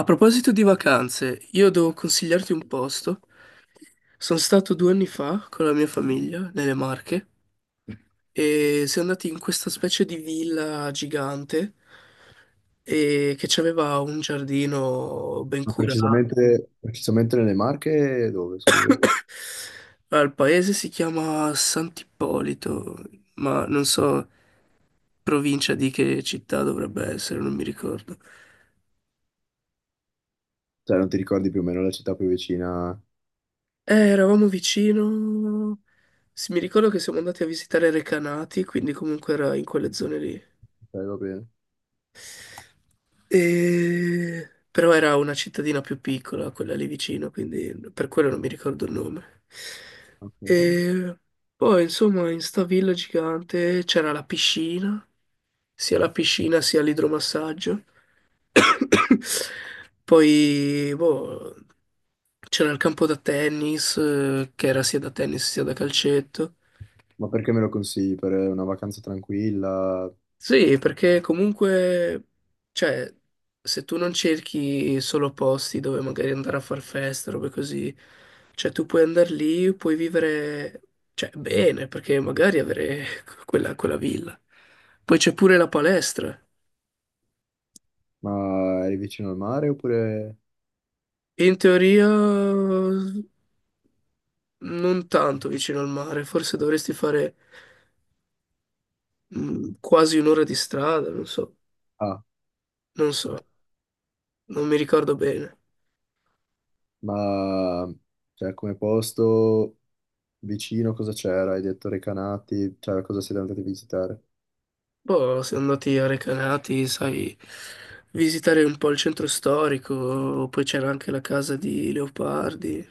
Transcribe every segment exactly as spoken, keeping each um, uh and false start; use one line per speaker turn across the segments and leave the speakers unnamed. A proposito di vacanze, io devo consigliarti un posto. Sono stato due anni fa con la mia famiglia nelle Marche e siamo andati in questa specie di villa gigante e che aveva un giardino ben
Ma
curato.
precisamente, precisamente nelle Marche dove, scusa?
Allora, il paese si chiama Sant'Ippolito, ma non so provincia di che città dovrebbe essere, non mi ricordo.
Cioè, non ti ricordi più o meno la città più vicina? Ok,
Eh, eravamo vicino. Sì, mi ricordo che siamo andati a visitare Recanati, quindi comunque era in quelle zone lì.
va bene.
E- Però era una cittadina più piccola, quella lì vicino, quindi per quello non mi ricordo il nome.
Ok.
E poi, insomma, in sta villa gigante c'era la piscina, sia la piscina sia l'idromassaggio. Poi, boh, c'era il campo da tennis, eh, che era sia da tennis sia da calcetto.
Ma perché me lo consigli? Per una vacanza tranquilla?
Sì, perché comunque, cioè, se tu non cerchi solo posti dove magari andare a far festa, robe così, cioè tu puoi andare lì, puoi vivere, cioè, bene, perché magari avere quella, quella villa. Poi c'è pure la palestra.
Ma eri vicino al mare oppure...
In teoria non tanto vicino al mare, forse dovresti fare mh, quasi un'ora di strada, non so,
Ah,
non so,
ok.
non mi ricordo bene.
Ma, cioè, come posto vicino cosa c'era? Hai detto Recanati? Cioè, cosa siete andati a visitare?
Poi siamo andati a Recanati, sai, visitare un po' il centro storico, poi c'era anche la casa di Leopardi.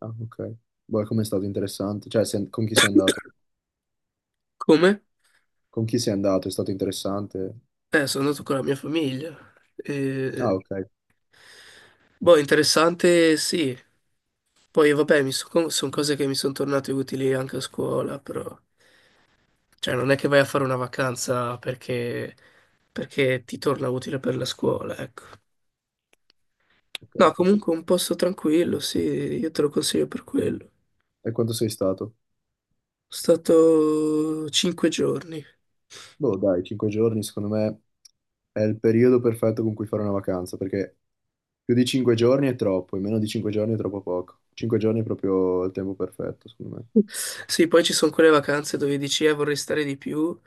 Ah, ok. Boh, com'è stato interessante? Cioè, se- con chi sei andato?
Come?
Con chi sei andato? È stato interessante?
Eh, sono andato con la mia famiglia. E...
Ah, ok.
Boh, interessante, sì. Poi vabbè, mi sono cose che mi sono tornate utili anche a scuola, però... Cioè, non è che vai a fare una vacanza perché, perché ti torna utile per la scuola, ecco.
Ok,
No, comunque
capito.
un posto tranquillo, sì, io te lo consiglio per quello.
E quanto sei stato?
Sono stato cinque giorni.
Boh, dai, cinque giorni secondo me è il periodo perfetto con cui fare una vacanza, perché più di cinque giorni è troppo, e meno di cinque giorni è troppo poco. Cinque giorni è proprio il tempo perfetto, secondo me.
Sì, poi ci sono quelle vacanze dove dici, eh, vorrei stare di più,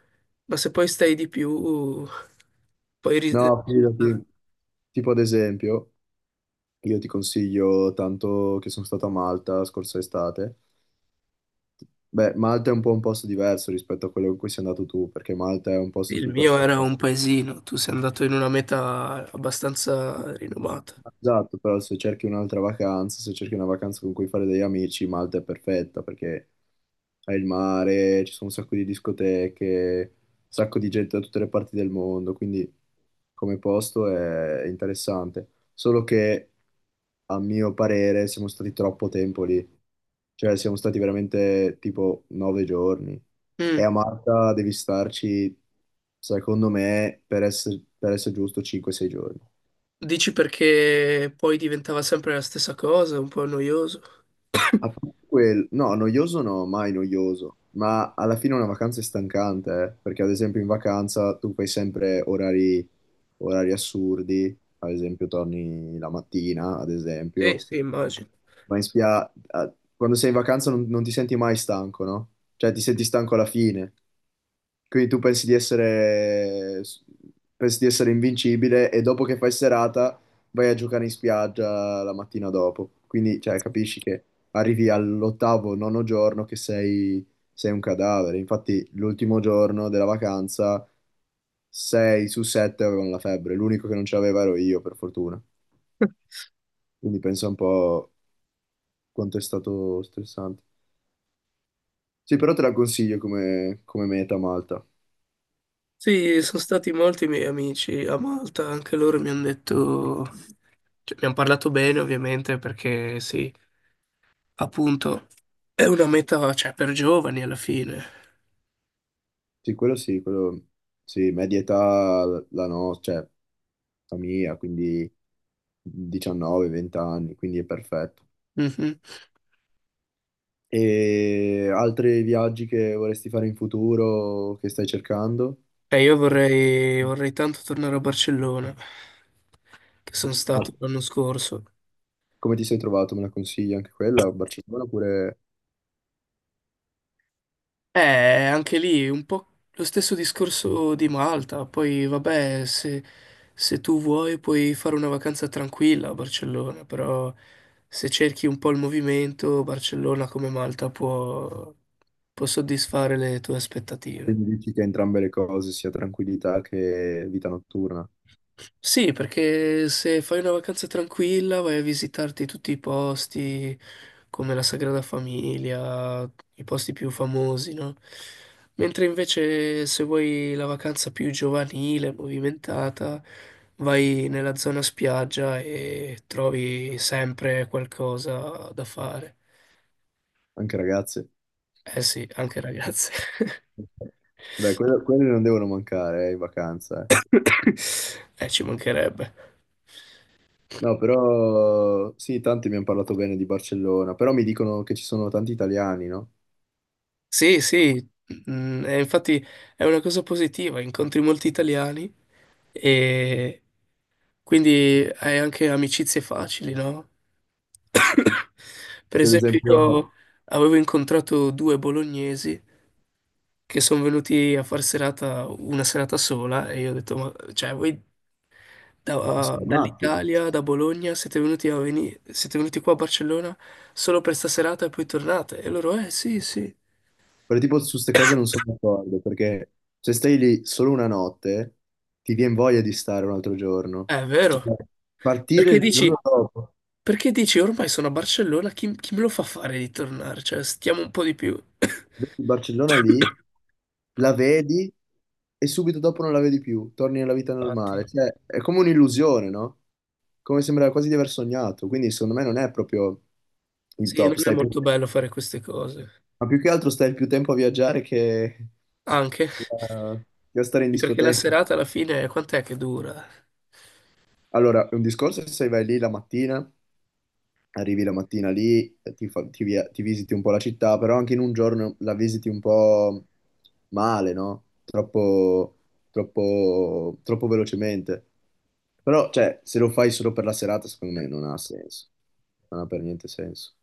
ma se poi stai di più, poi ri-
No,
risulta...
fidati. Tipo ad esempio, io ti consiglio tanto che sono stato a Malta scorsa estate. Beh, Malta è un po' un posto diverso rispetto a quello in cui sei andato tu, perché Malta è un posto
Il
più
mio era
perfetto.
un paesino, tu sei andato in una meta abbastanza rinomata.
Esatto, però se cerchi un'altra vacanza, se cerchi una vacanza con cui fare degli amici, Malta è perfetta perché hai il mare, ci sono un sacco di discoteche, un sacco di gente da tutte le parti del mondo, quindi come posto è interessante. Solo che a mio parere siamo stati troppo tempo lì, cioè siamo stati veramente tipo nove giorni e
Mm.
a Malta devi starci, secondo me, per essere, per essere giusto, cinque sei giorni.
Dici perché poi diventava sempre la stessa cosa, un po' noioso?
A parte quel- no, noioso no, mai noioso, ma alla fine una vacanza è stancante, eh. Perché ad esempio in vacanza tu fai sempre orari, orari assurdi, ad esempio torni la mattina, ad
Sì,
esempio,
sì, immagino.
ma in spia... a- quando sei in vacanza non, non ti senti mai stanco, no? Cioè ti senti stanco alla fine, quindi tu pensi di essere, pensi di essere invincibile e dopo che fai serata vai a giocare in spiaggia la mattina dopo. Quindi, cioè, capisci che arrivi all'ottavo, nono giorno che sei, sei un cadavere. Infatti, l'ultimo giorno della vacanza, sei su sette avevano la febbre. L'unico che non ce l'aveva ero io, per fortuna. Quindi pensa un po' quanto è stato stressante. Sì, però te la consiglio come, come meta Malta.
Sì, sono stati molti miei amici a Malta, anche loro mi hanno detto, cioè, mi hanno parlato bene ovviamente perché sì, appunto è una meta, cioè, per giovani alla fine.
Sì, quello sì, quello sì, media età la nostra, cioè la mia, quindi diciannove venti anni, quindi è perfetto.
Mhm.
E altri viaggi che vorresti fare in futuro, che stai cercando?
E io vorrei, vorrei tanto tornare a Barcellona, che sono
Ah,
stato l'anno scorso.
come ti sei trovato? Me la consigli anche quella a Barcellona? Oppure
Eh, anche lì un po' lo stesso discorso di Malta. Poi, vabbè, se, se tu vuoi puoi fare una vacanza tranquilla a Barcellona, però se cerchi un po' il movimento, Barcellona come Malta può, può soddisfare le tue aspettative.
quindi dici che entrambe le cose, sia tranquillità che vita notturna,
Sì, perché se fai una vacanza tranquilla vai a visitarti tutti i posti come la Sagrada Famiglia, i posti più famosi, no? Mentre invece se vuoi la vacanza più giovanile, movimentata, vai nella zona spiaggia e trovi sempre qualcosa da fare.
anche ragazze?
Eh sì, anche ragazze.
Beh, quello- quelle non devono mancare, eh, in vacanza, eh.
Eh, ci mancherebbe.
No, però sì, tanti mi hanno parlato bene di Barcellona, però mi dicono che ci sono tanti italiani, no?
Sì, sì, mm, e infatti è una cosa positiva, incontri molti italiani e quindi hai anche amicizie facili, no? Per
Per
esempio,
esempio,
io avevo incontrato due bolognesi che sono venuti a far serata una serata sola e io ho detto, ma cioè, voi da-
sono matti.
dall'Italia, da Bologna, siete venuti a veni- siete venuti qua a Barcellona solo per sta serata e poi tornate? E loro, eh sì, sì,
Però tipo su queste cose non sono d'accordo, perché se stai lì solo una notte, ti viene voglia di stare un altro giorno.
"Eh, è
Cioè,
vero.
partire
Perché
il
dici,
giorno dopo.
perché dici ormai sono a Barcellona, chi, chi me lo fa fare di tornare? Cioè, stiamo un po' di più.
Vedi il Barcellona lì, la vedi e subito dopo non la vedi più, torni nella vita normale.
Infatti,
Cioè, è come un'illusione, no? Come sembra quasi di aver sognato. Quindi, secondo me, non è proprio il
sì, non
top.
è
Stai più...
molto bello fare queste cose.
Ma più che altro stai più tempo a viaggiare che,
Anche
che a che a stare in
perché la
discoteca.
serata alla fine, quant'è che dura?
Allora, è un discorso è se vai lì la mattina. Arrivi la mattina lì, ti, fa- ti via- ti visiti un po' la città, però anche in un giorno la visiti un po' male, no? Troppo, troppo, troppo velocemente. Però, cioè, se lo fai solo per la serata, secondo me non ha senso. Non ha per niente senso.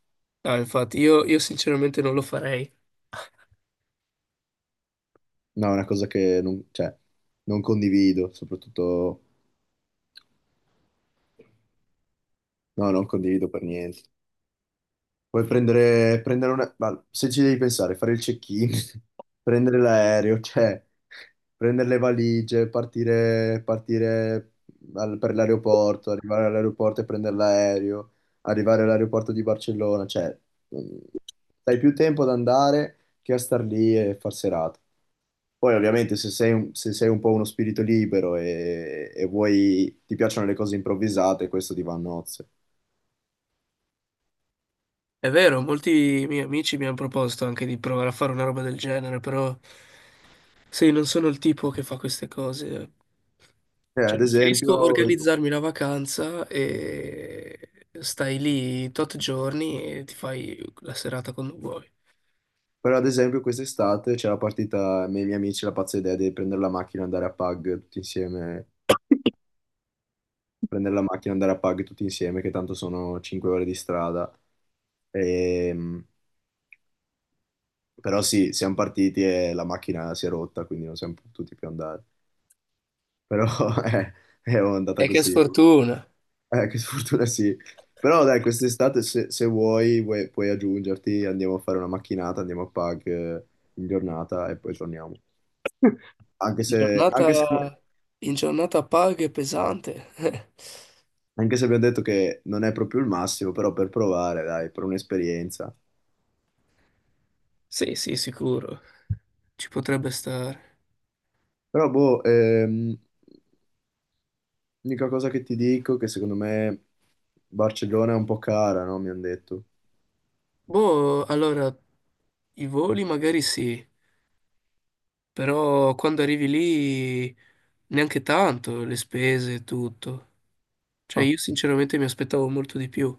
Ah, infatti, io, io sinceramente non lo farei.
No, è una cosa che non, cioè, non condivido, soprattutto... No, non condivido per niente. Puoi prendere, prendere una... ma se ci devi pensare, fare il check-in, prendere l'aereo, cioè prendere le valigie, partire, partire al- per l'aeroporto, arrivare all'aeroporto e prendere l'aereo, arrivare all'aeroporto di Barcellona, cioè mh, dai più tempo ad andare che a star lì e far serata. Poi ovviamente se sei un, se sei un po' uno spirito libero e, e vuoi, ti piacciono le cose improvvisate, questo ti va a nozze.
È vero, molti miei amici mi hanno proposto anche di provare a fare una roba del genere, però sì, non sono il tipo che fa queste cose.
Eh,
Cioè,
ad esempio,
preferisco organizzarmi una vacanza e stai lì tot giorni e ti fai la serata quando vuoi.
però ad esempio quest'estate c'è la partita, me e i miei amici la pazza idea di prendere la macchina e andare a Pag tutti insieme, prendere la macchina e andare a Pag tutti insieme, che tanto sono cinque ore di strada. Ehm, però sì, siamo partiti e la macchina si è rotta, quindi non siamo potuti più andare. Però è, è andata
E che
così.
sfortuna!
Eh, che sfortuna sì. Però dai, quest'estate se, se vuoi, vuoi- puoi aggiungerti, andiamo a fare una macchinata, andiamo a Pag, eh, in giornata e poi torniamo. Anche
In
se, anche se-
giornata, in giornata paga e pesante.
Anche se abbiamo detto che non è proprio il massimo, però per provare, dai, per un'esperienza.
Sì, sì, sicuro. Ci potrebbe stare.
Però, boh, ehm, l'unica cosa che ti dico è che secondo me Barcellona è un po' cara, no? Mi hanno detto.
Boh, allora, i voli magari sì. Però quando arrivi lì neanche tanto, le spese e tutto. Cioè
Ah.
io sinceramente mi aspettavo molto di più.